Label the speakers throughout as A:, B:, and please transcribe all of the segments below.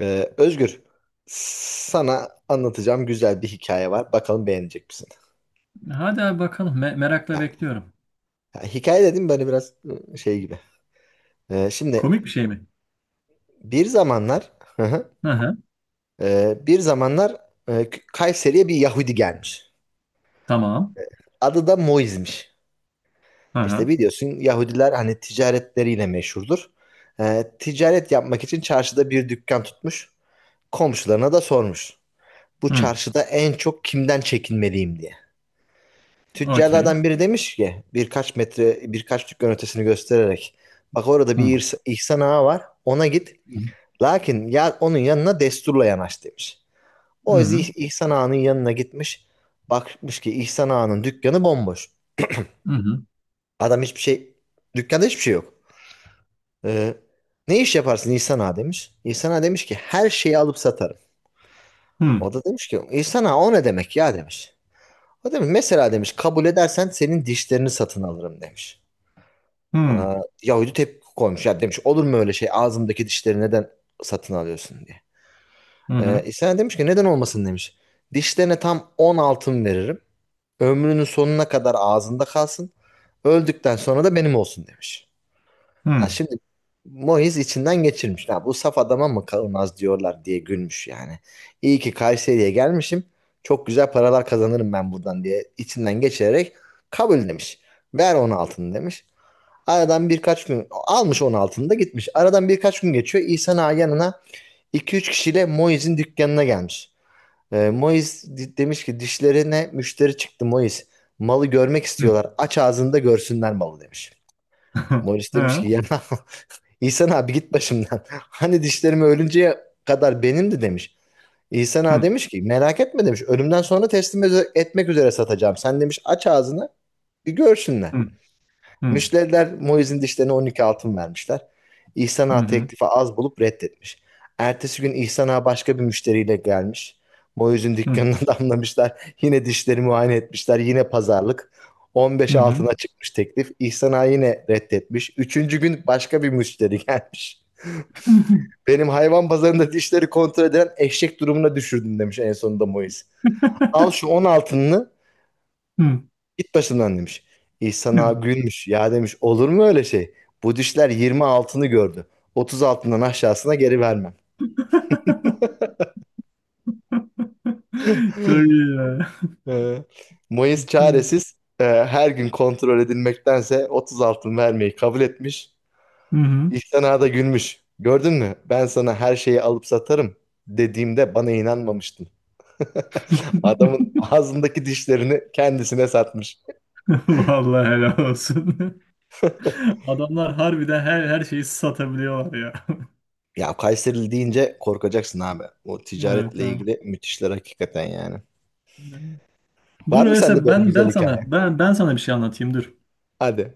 A: Özgür, sana anlatacağım güzel bir hikaye var. Bakalım beğenecek misin?
B: Hadi abi bakalım. Merakla
A: Yani,
B: bekliyorum.
A: ya hikaye dedim böyle biraz şey gibi. Şimdi
B: Komik bir şey mi?
A: bir zamanlar hı hı,
B: Hı hı.
A: bir zamanlar Kayseri'ye bir Yahudi gelmiş.
B: Tamam.
A: Adı da Moiz'miş.
B: Hı
A: İşte
B: hı.
A: biliyorsun Yahudiler hani ticaretleriyle meşhurdur. Ticaret yapmak için çarşıda bir dükkan tutmuş. Komşularına da sormuş. Bu
B: Hı.
A: çarşıda en çok kimden çekinmeliyim diye.
B: Okey.
A: Tüccarlardan biri demiş ki birkaç metre birkaç dükkan ötesini göstererek bak orada
B: Hı.
A: bir İhsan Ağa var, ona git,
B: Hı.
A: lakin ya onun yanına desturla yanaş demiş.
B: Hı
A: O yüzden
B: hı.
A: İhsan Ağa'nın yanına gitmiş, bakmış ki İhsan Ağa'nın dükkanı bomboş.
B: Hı hı.
A: Adam hiçbir şey, dükkanda hiçbir şey yok. Ee, ne iş yaparsın İhsan Ağa demiş. İhsan Ağa demiş ki her şeyi alıp satarım.
B: Hı.
A: O da demiş ki İhsan Ağa o ne demek ya demiş. O demiş mesela demiş kabul edersen senin dişlerini satın alırım demiş.
B: Hı.
A: Aa, Yahudi tepki koymuş. Ya demiş olur mu öyle şey, ağzımdaki dişleri neden satın alıyorsun diye.
B: Hı hı.
A: İsa demiş ki neden olmasın demiş. Dişlerine tam 10 altın veririm. Ömrünün sonuna kadar ağzında kalsın. Öldükten sonra da benim olsun demiş. Ha,
B: Hı.
A: şimdi Moiz içinden geçirmiş. Ha, bu saf adama mı kalmaz diyorlar diye gülmüş yani. İyi ki Kayseri'ye gelmişim. Çok güzel paralar kazanırım ben buradan diye içinden geçirerek kabul demiş. Ver 10 altını demiş. Aradan birkaç gün almış 10 altında gitmiş. Aradan birkaç gün geçiyor. İhsan Ağa yanına iki üç kişiyle Moiz'in dükkanına gelmiş. Moiz demiş ki dişlerine müşteri çıktı Moiz. Malı görmek
B: Hı.
A: istiyorlar. Aç ağzında görsünler malı demiş. Moiz demiş
B: Hı.
A: ki ya İhsan abi git başımdan. Hani dişlerimi ölünceye kadar benimdi demiş. İhsan Ağa
B: Hı.
A: demiş ki merak etme demiş. Ölümden sonra teslim etmek üzere satacağım. Sen demiş aç ağzını bir görsünler.
B: Hı. Hı.
A: Müşteriler Moise'in dişlerine 12 altın vermişler. İhsan
B: Hı
A: Ağa
B: hı.
A: teklifi az bulup reddetmiş. Ertesi gün İhsan Ağa başka bir müşteriyle gelmiş. Moise'in
B: Hı hı.
A: dükkanına damlamışlar. Yine dişleri muayene etmişler. Yine pazarlık.
B: Hı
A: 15
B: hı.
A: altına çıkmış teklif. İhsan Ağa yine reddetmiş. Üçüncü gün başka bir müşteri gelmiş. Benim hayvan pazarında dişleri kontrol eden eşek durumuna düşürdün demiş en sonunda Moise. Al şu 10 altınını
B: Hı.
A: git başımdan demiş. İhsan ağa
B: Hı.
A: gülmüş. Ya demiş olur mu öyle şey? Bu dişler 20 altını gördü. 30 altından aşağısına geri vermem.
B: Çok iyi ya.
A: Ee, Mayıs çaresiz her gün kontrol edilmektense 30 altın vermeyi kabul etmiş.
B: Hı hı.
A: İhsan ağa da gülmüş. Gördün mü? Ben sana her şeyi alıp satarım dediğimde bana inanmamıştın. Adamın ağzındaki dişlerini kendisine satmış.
B: Vallahi helal olsun. Adamlar harbiden her şeyi satabiliyorlar ya.
A: Ya Kayserili deyince korkacaksın abi. O
B: Evet,
A: ticaretle
B: tamam.
A: ilgili müthişler hakikaten yani.
B: Dur
A: Var mı sende
B: öyleyse
A: böyle
B: ben
A: güzel
B: ben sana
A: hikaye?
B: ben ben sana bir şey anlatayım dur.
A: Hadi.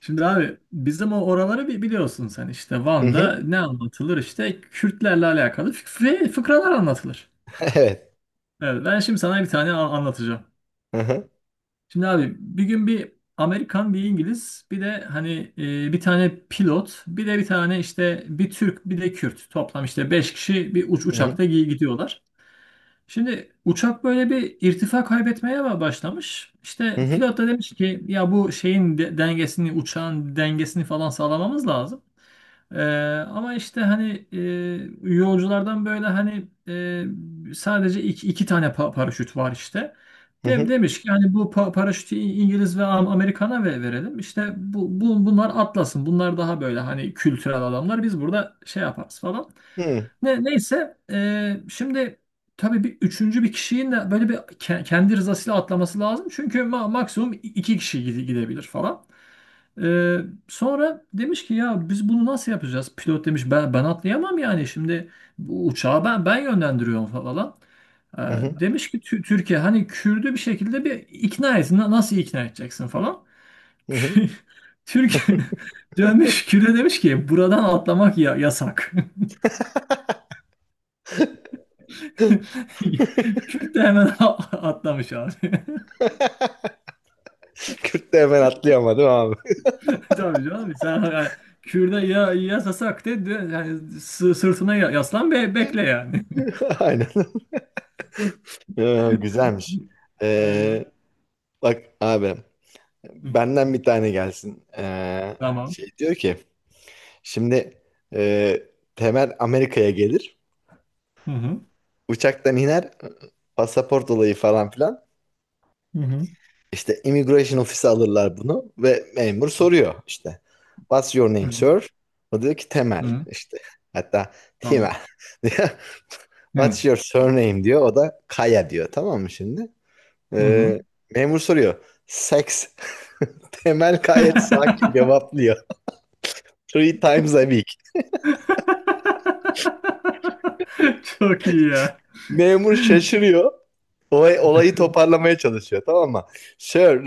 B: Şimdi abi bizim oraları bir biliyorsun sen, işte
A: Hı hı.
B: Van'da ne anlatılır, işte Kürtlerle alakalı fıkralar anlatılır.
A: Evet.
B: Evet, ben şimdi sana bir tane anlatacağım.
A: Hı hı.
B: Şimdi abi bir gün bir Amerikan, bir İngiliz, bir de hani bir tane pilot, bir de bir tane işte bir Türk, bir de Kürt, toplam işte 5 kişi bir
A: Hı hı.
B: uçakta gidiyorlar. Şimdi uçak böyle bir irtifa kaybetmeye mi başlamış?
A: Hı
B: İşte
A: hı.
B: pilot da demiş ki ya, bu şeyin dengesini, uçağın dengesini falan sağlamamız lazım. Ee, Ama işte hani, yolculardan böyle hani, sadece iki tane paraşüt var işte.
A: Hı hı.
B: Demiş ki hani bu paraşütü İngiliz ve Amerikan'a verelim. İşte bu bunlar atlasın. Bunlar daha böyle hani kültürel adamlar. Biz burada şey yaparız falan.
A: Hı
B: Neyse, şimdi tabii üçüncü bir kişinin de böyle bir kendi rızasıyla atlaması lazım. Çünkü maksimum iki kişi gidebilir falan. Ee, Sonra demiş ki ya biz bunu nasıl yapacağız? Pilot demiş ben atlayamam yani, şimdi bu uçağı ben yönlendiriyorum falan.
A: hı.
B: Demiş ki Türkiye, hani Kürdü bir şekilde bir ikna et. Nasıl ikna edeceksin falan."
A: Hı hı.
B: Türkiye dönmüş Kürt'e, demiş ki buradan atlamak ya yasak. Kürt de hemen atlamış abi.
A: Kürt de hemen atlıyor ama değil mi abi?
B: Tabii canım, sen yani, Kürt'e ya yasasak de yani, sırtına yaslan ve bekle yani.
A: Aynen. Ya, güzelmiş. Ee, bak abi,
B: Yani.
A: benden bir tane gelsin.
B: Tamam.
A: Şey diyor ki şimdi e, Temel Amerika'ya gelir.
B: Hı hı.
A: Uçaktan iner. Pasaport olayı falan filan.
B: Hı hı.
A: İşte immigration ofisi alırlar bunu ve memur soruyor işte. What's your
B: Hı
A: name,
B: hı.
A: sir? O diyor ki Temel
B: Hı hı.
A: işte. Hatta
B: Tamam.
A: Timel diyor.
B: Hı hı.
A: What's your surname diyor. O da Kaya diyor. Tamam mı şimdi?
B: Hı.
A: Ee,
B: Tamam.
A: memur soruyor. Sex. Temel gayet sakin cevaplıyor. Three times a week.
B: Çok iyi ya.
A: Memur şaşırıyor. Olayı toparlamaya çalışıyor, tamam mı?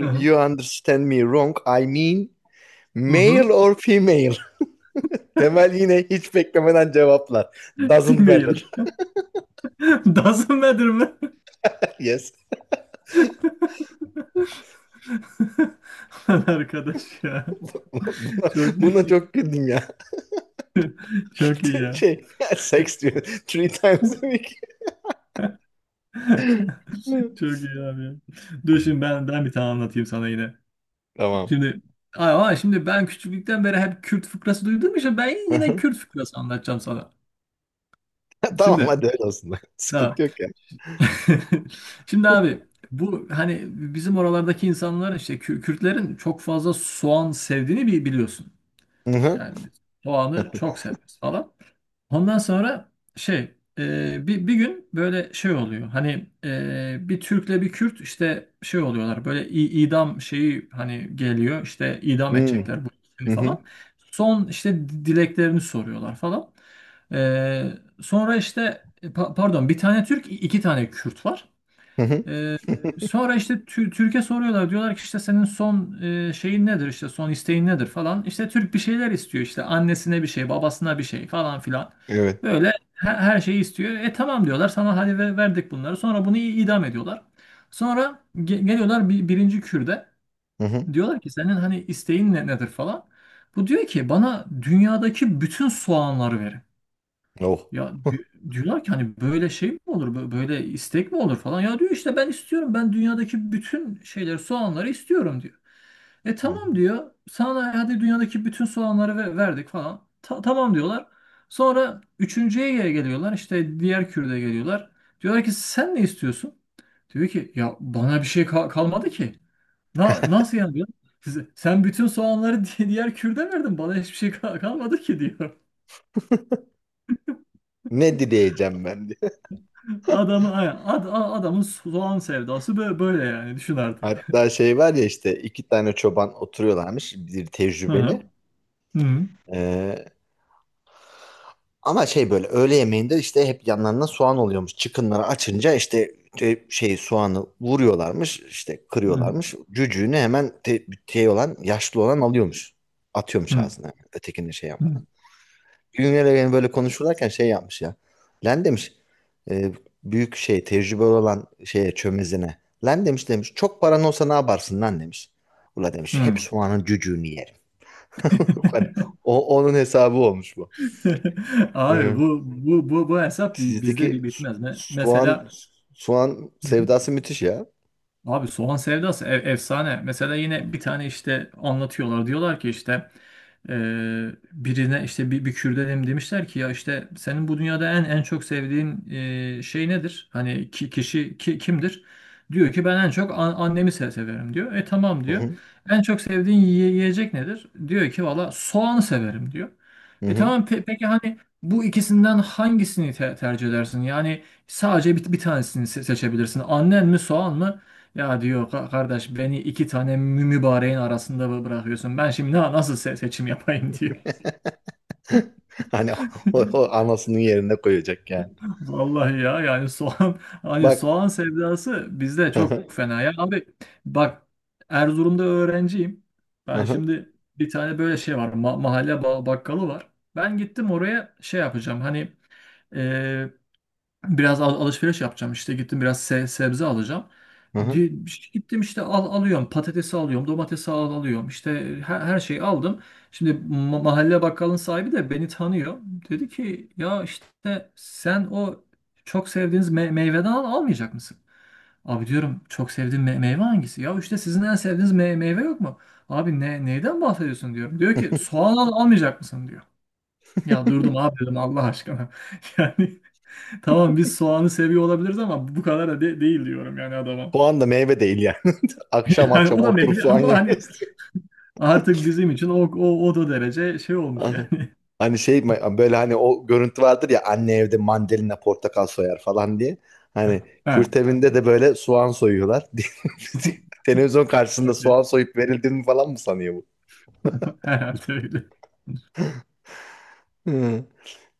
B: Hı hı.
A: you understand me wrong. I mean
B: Hı hı.
A: male or female. Temel yine hiç beklemeden cevaplar. Doesn't matter.
B: Female. Doesn't matter mı?
A: Yes.
B: Lan arkadaş ya.
A: Buna,
B: Çok
A: buna
B: iyi.
A: çok güldüm ya.
B: Çok iyi ya.
A: Şey, sex diyor. Three times a week.
B: Çok iyi abi ya. Dur şimdi ben bir tane anlatayım sana yine.
A: Tamam.
B: Şimdi ama şimdi ben küçüklükten beri hep Kürt fıkrası duyduğum için ben yine Kürt fıkrası anlatacağım sana.
A: Tamam
B: Şimdi
A: hadi öyle olsun.
B: ha,
A: Sıkıntı yok ya.
B: şimdi abi bu hani bizim oralardaki insanlar, işte Kürtlerin çok fazla soğan sevdiğini biliyorsun.
A: Hı hı.
B: Yani biz soğanı çok severiz falan. Ondan sonra şey, bir gün böyle şey oluyor. Hani bir Türk'le bir Kürt işte şey oluyorlar. Böyle idam şeyi hani geliyor, işte idam edecekler bu
A: Hı
B: ikisini
A: hı.
B: falan. Son işte dileklerini soruyorlar falan. E, Sonra işte, pardon, bir tane Türk, iki tane Kürt var.
A: Hı hı.
B: Ee, Sonra işte Türk'e soruyorlar. Diyorlar ki işte senin son şeyin nedir, işte son isteğin nedir falan. İşte Türk bir şeyler istiyor, işte annesine bir şey, babasına bir şey falan filan.
A: Evet.
B: Böyle her şeyi istiyor. E tamam diyorlar, sana hadi verdik bunları. Sonra bunu idam ediyorlar. Sonra geliyorlar birinci Kürde.
A: Hı hı.
B: Diyorlar ki senin hani isteğin nedir falan. Bu diyor ki bana dünyadaki bütün soğanları verin.
A: Oh.
B: Ya diyorlar ki hani böyle şey mi olur, böyle istek mi olur falan. Ya diyor işte ben istiyorum, ben dünyadaki bütün şeyleri, soğanları istiyorum diyor. E
A: Hı hı.
B: tamam diyor, sana hadi dünyadaki bütün soğanları verdik falan. Tamam diyorlar. Sonra üçüncüye geliyorlar, işte diğer kürde geliyorlar. Diyorlar ki sen ne istiyorsun? Diyor ki ya bana bir şey kalmadı ki. Nasıl yani diyor. Sen bütün soğanları diğer kürde verdin, bana hiçbir şey kalmadı ki diyor.
A: Ne dileyeceğim ben diye.
B: Adamın, aynen, ad, a- Adamın soğan sevdası böyle, yani düşün artık.
A: Hatta şey var ya işte iki tane çoban oturuyorlarmış. Bir
B: Hı hı.
A: tecrübeli.
B: Hı
A: Ee, Ama şey böyle öğle yemeğinde işte hep yanlarına soğan oluyormuş. Çıkınları açınca işte şey soğanı vuruyorlarmış, işte
B: hı.
A: kırıyorlarmış. Cücüğünü hemen şey olan, yaşlı olan alıyormuş.
B: Hı
A: Atıyormuş
B: hı.
A: ağzına. Ötekini şey yapmadan. Güngör Evgen böyle konuşurlarken şey yapmış ya. Len demiş e, büyük şey, tecrübeli olan şeye, çömezine. Len demiş çok paran olsa ne yaparsın lan demiş. Ula demiş hep
B: Hı.
A: soğanın cücüğünü yerim. Onun hesabı olmuş bu.
B: Abi
A: Hı.
B: bu hesap bizde bir
A: Sizdeki
B: bitmez.
A: soğan
B: Mesela,
A: soğan sevdası müthiş ya.
B: abi soğan sevdası efsane. Mesela yine bir tane işte anlatıyorlar. Diyorlar ki işte, e, birine işte bir Kürdenim demişler ki ya, işte senin bu dünyada en çok sevdiğin şey nedir? Kişi kimdir? Diyor ki ben en çok annemi severim diyor. E tamam
A: Hı
B: diyor.
A: hı.
B: En çok sevdiğin yiyecek nedir? Diyor ki valla soğanı severim diyor.
A: Hı
B: E
A: hı.
B: tamam, peki hani bu ikisinden hangisini tercih edersin? Yani sadece bir tanesini seçebilirsin. Annen mi soğan mı? Ya diyor Kardeş beni iki tane mübareğin arasında bırakıyorsun. Ben şimdi nasıl seçim yapayım" diyor.
A: Hani o anasının yerine koyacak yani.
B: Vallahi ya, yani soğan, hani
A: Bak.
B: soğan sevdası bizde
A: Hı
B: çok
A: hı.
B: fena ya. Abi bak, Erzurum'da öğrenciyim.
A: Hı
B: Ben
A: hı.
B: şimdi bir tane böyle şey var, mahalle bakkalı var. Ben gittim oraya şey yapacağım, hani biraz alışveriş yapacağım, işte gittim biraz sebze alacağım.
A: Hı hı.
B: Di- işte gittim, işte alıyorum patatesi, alıyorum domatesi, alıyorum işte, her şeyi aldım. Şimdi mahalle bakkalın sahibi de beni tanıyor. Dedi ki ya işte sen o çok sevdiğiniz meyveden almayacak mısın? Abi diyorum, çok sevdiğim meyve hangisi? Ya işte sizin en sevdiğiniz meyve yok mu? Abi ne, neyden bahsediyorsun diyorum. Diyor ki soğan almayacak mısın diyor. Ya durdum abi, dedim Allah aşkına. Yani tamam, biz soğanı seviyor olabiliriz ama bu kadar da değil diyorum yani adama.
A: Soğan da meyve değil yani. Akşam akşam
B: Yani o da
A: oturup
B: meyve
A: soğan
B: ama hani
A: yemiyorsun.
B: artık bizim için o da derece şey olmuş
A: Hı.
B: yani.
A: Hani şey böyle, hani o görüntü vardır ya, anne evde mandalina portakal soyar falan diye. Hani
B: Ha.
A: Kürt evinde de böyle soğan soyuyorlar. Televizyon karşısında
B: Çok
A: soğan
B: iyi.
A: soyup verildiğini falan mı sanıyor bu?
B: Herhalde öyle.
A: Hı.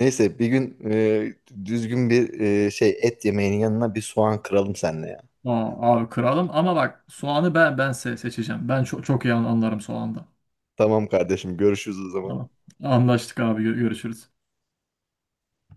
A: Neyse bir gün düzgün bir şey et yemeğinin yanına bir soğan kıralım seninle ya.
B: Aa, abi kralım, ama bak soğanı ben seçeceğim. Ben çok iyi anlarım soğanda.
A: Tamam kardeşim, görüşürüz o zaman.
B: Tamam. Anlaştık abi, görüşürüz.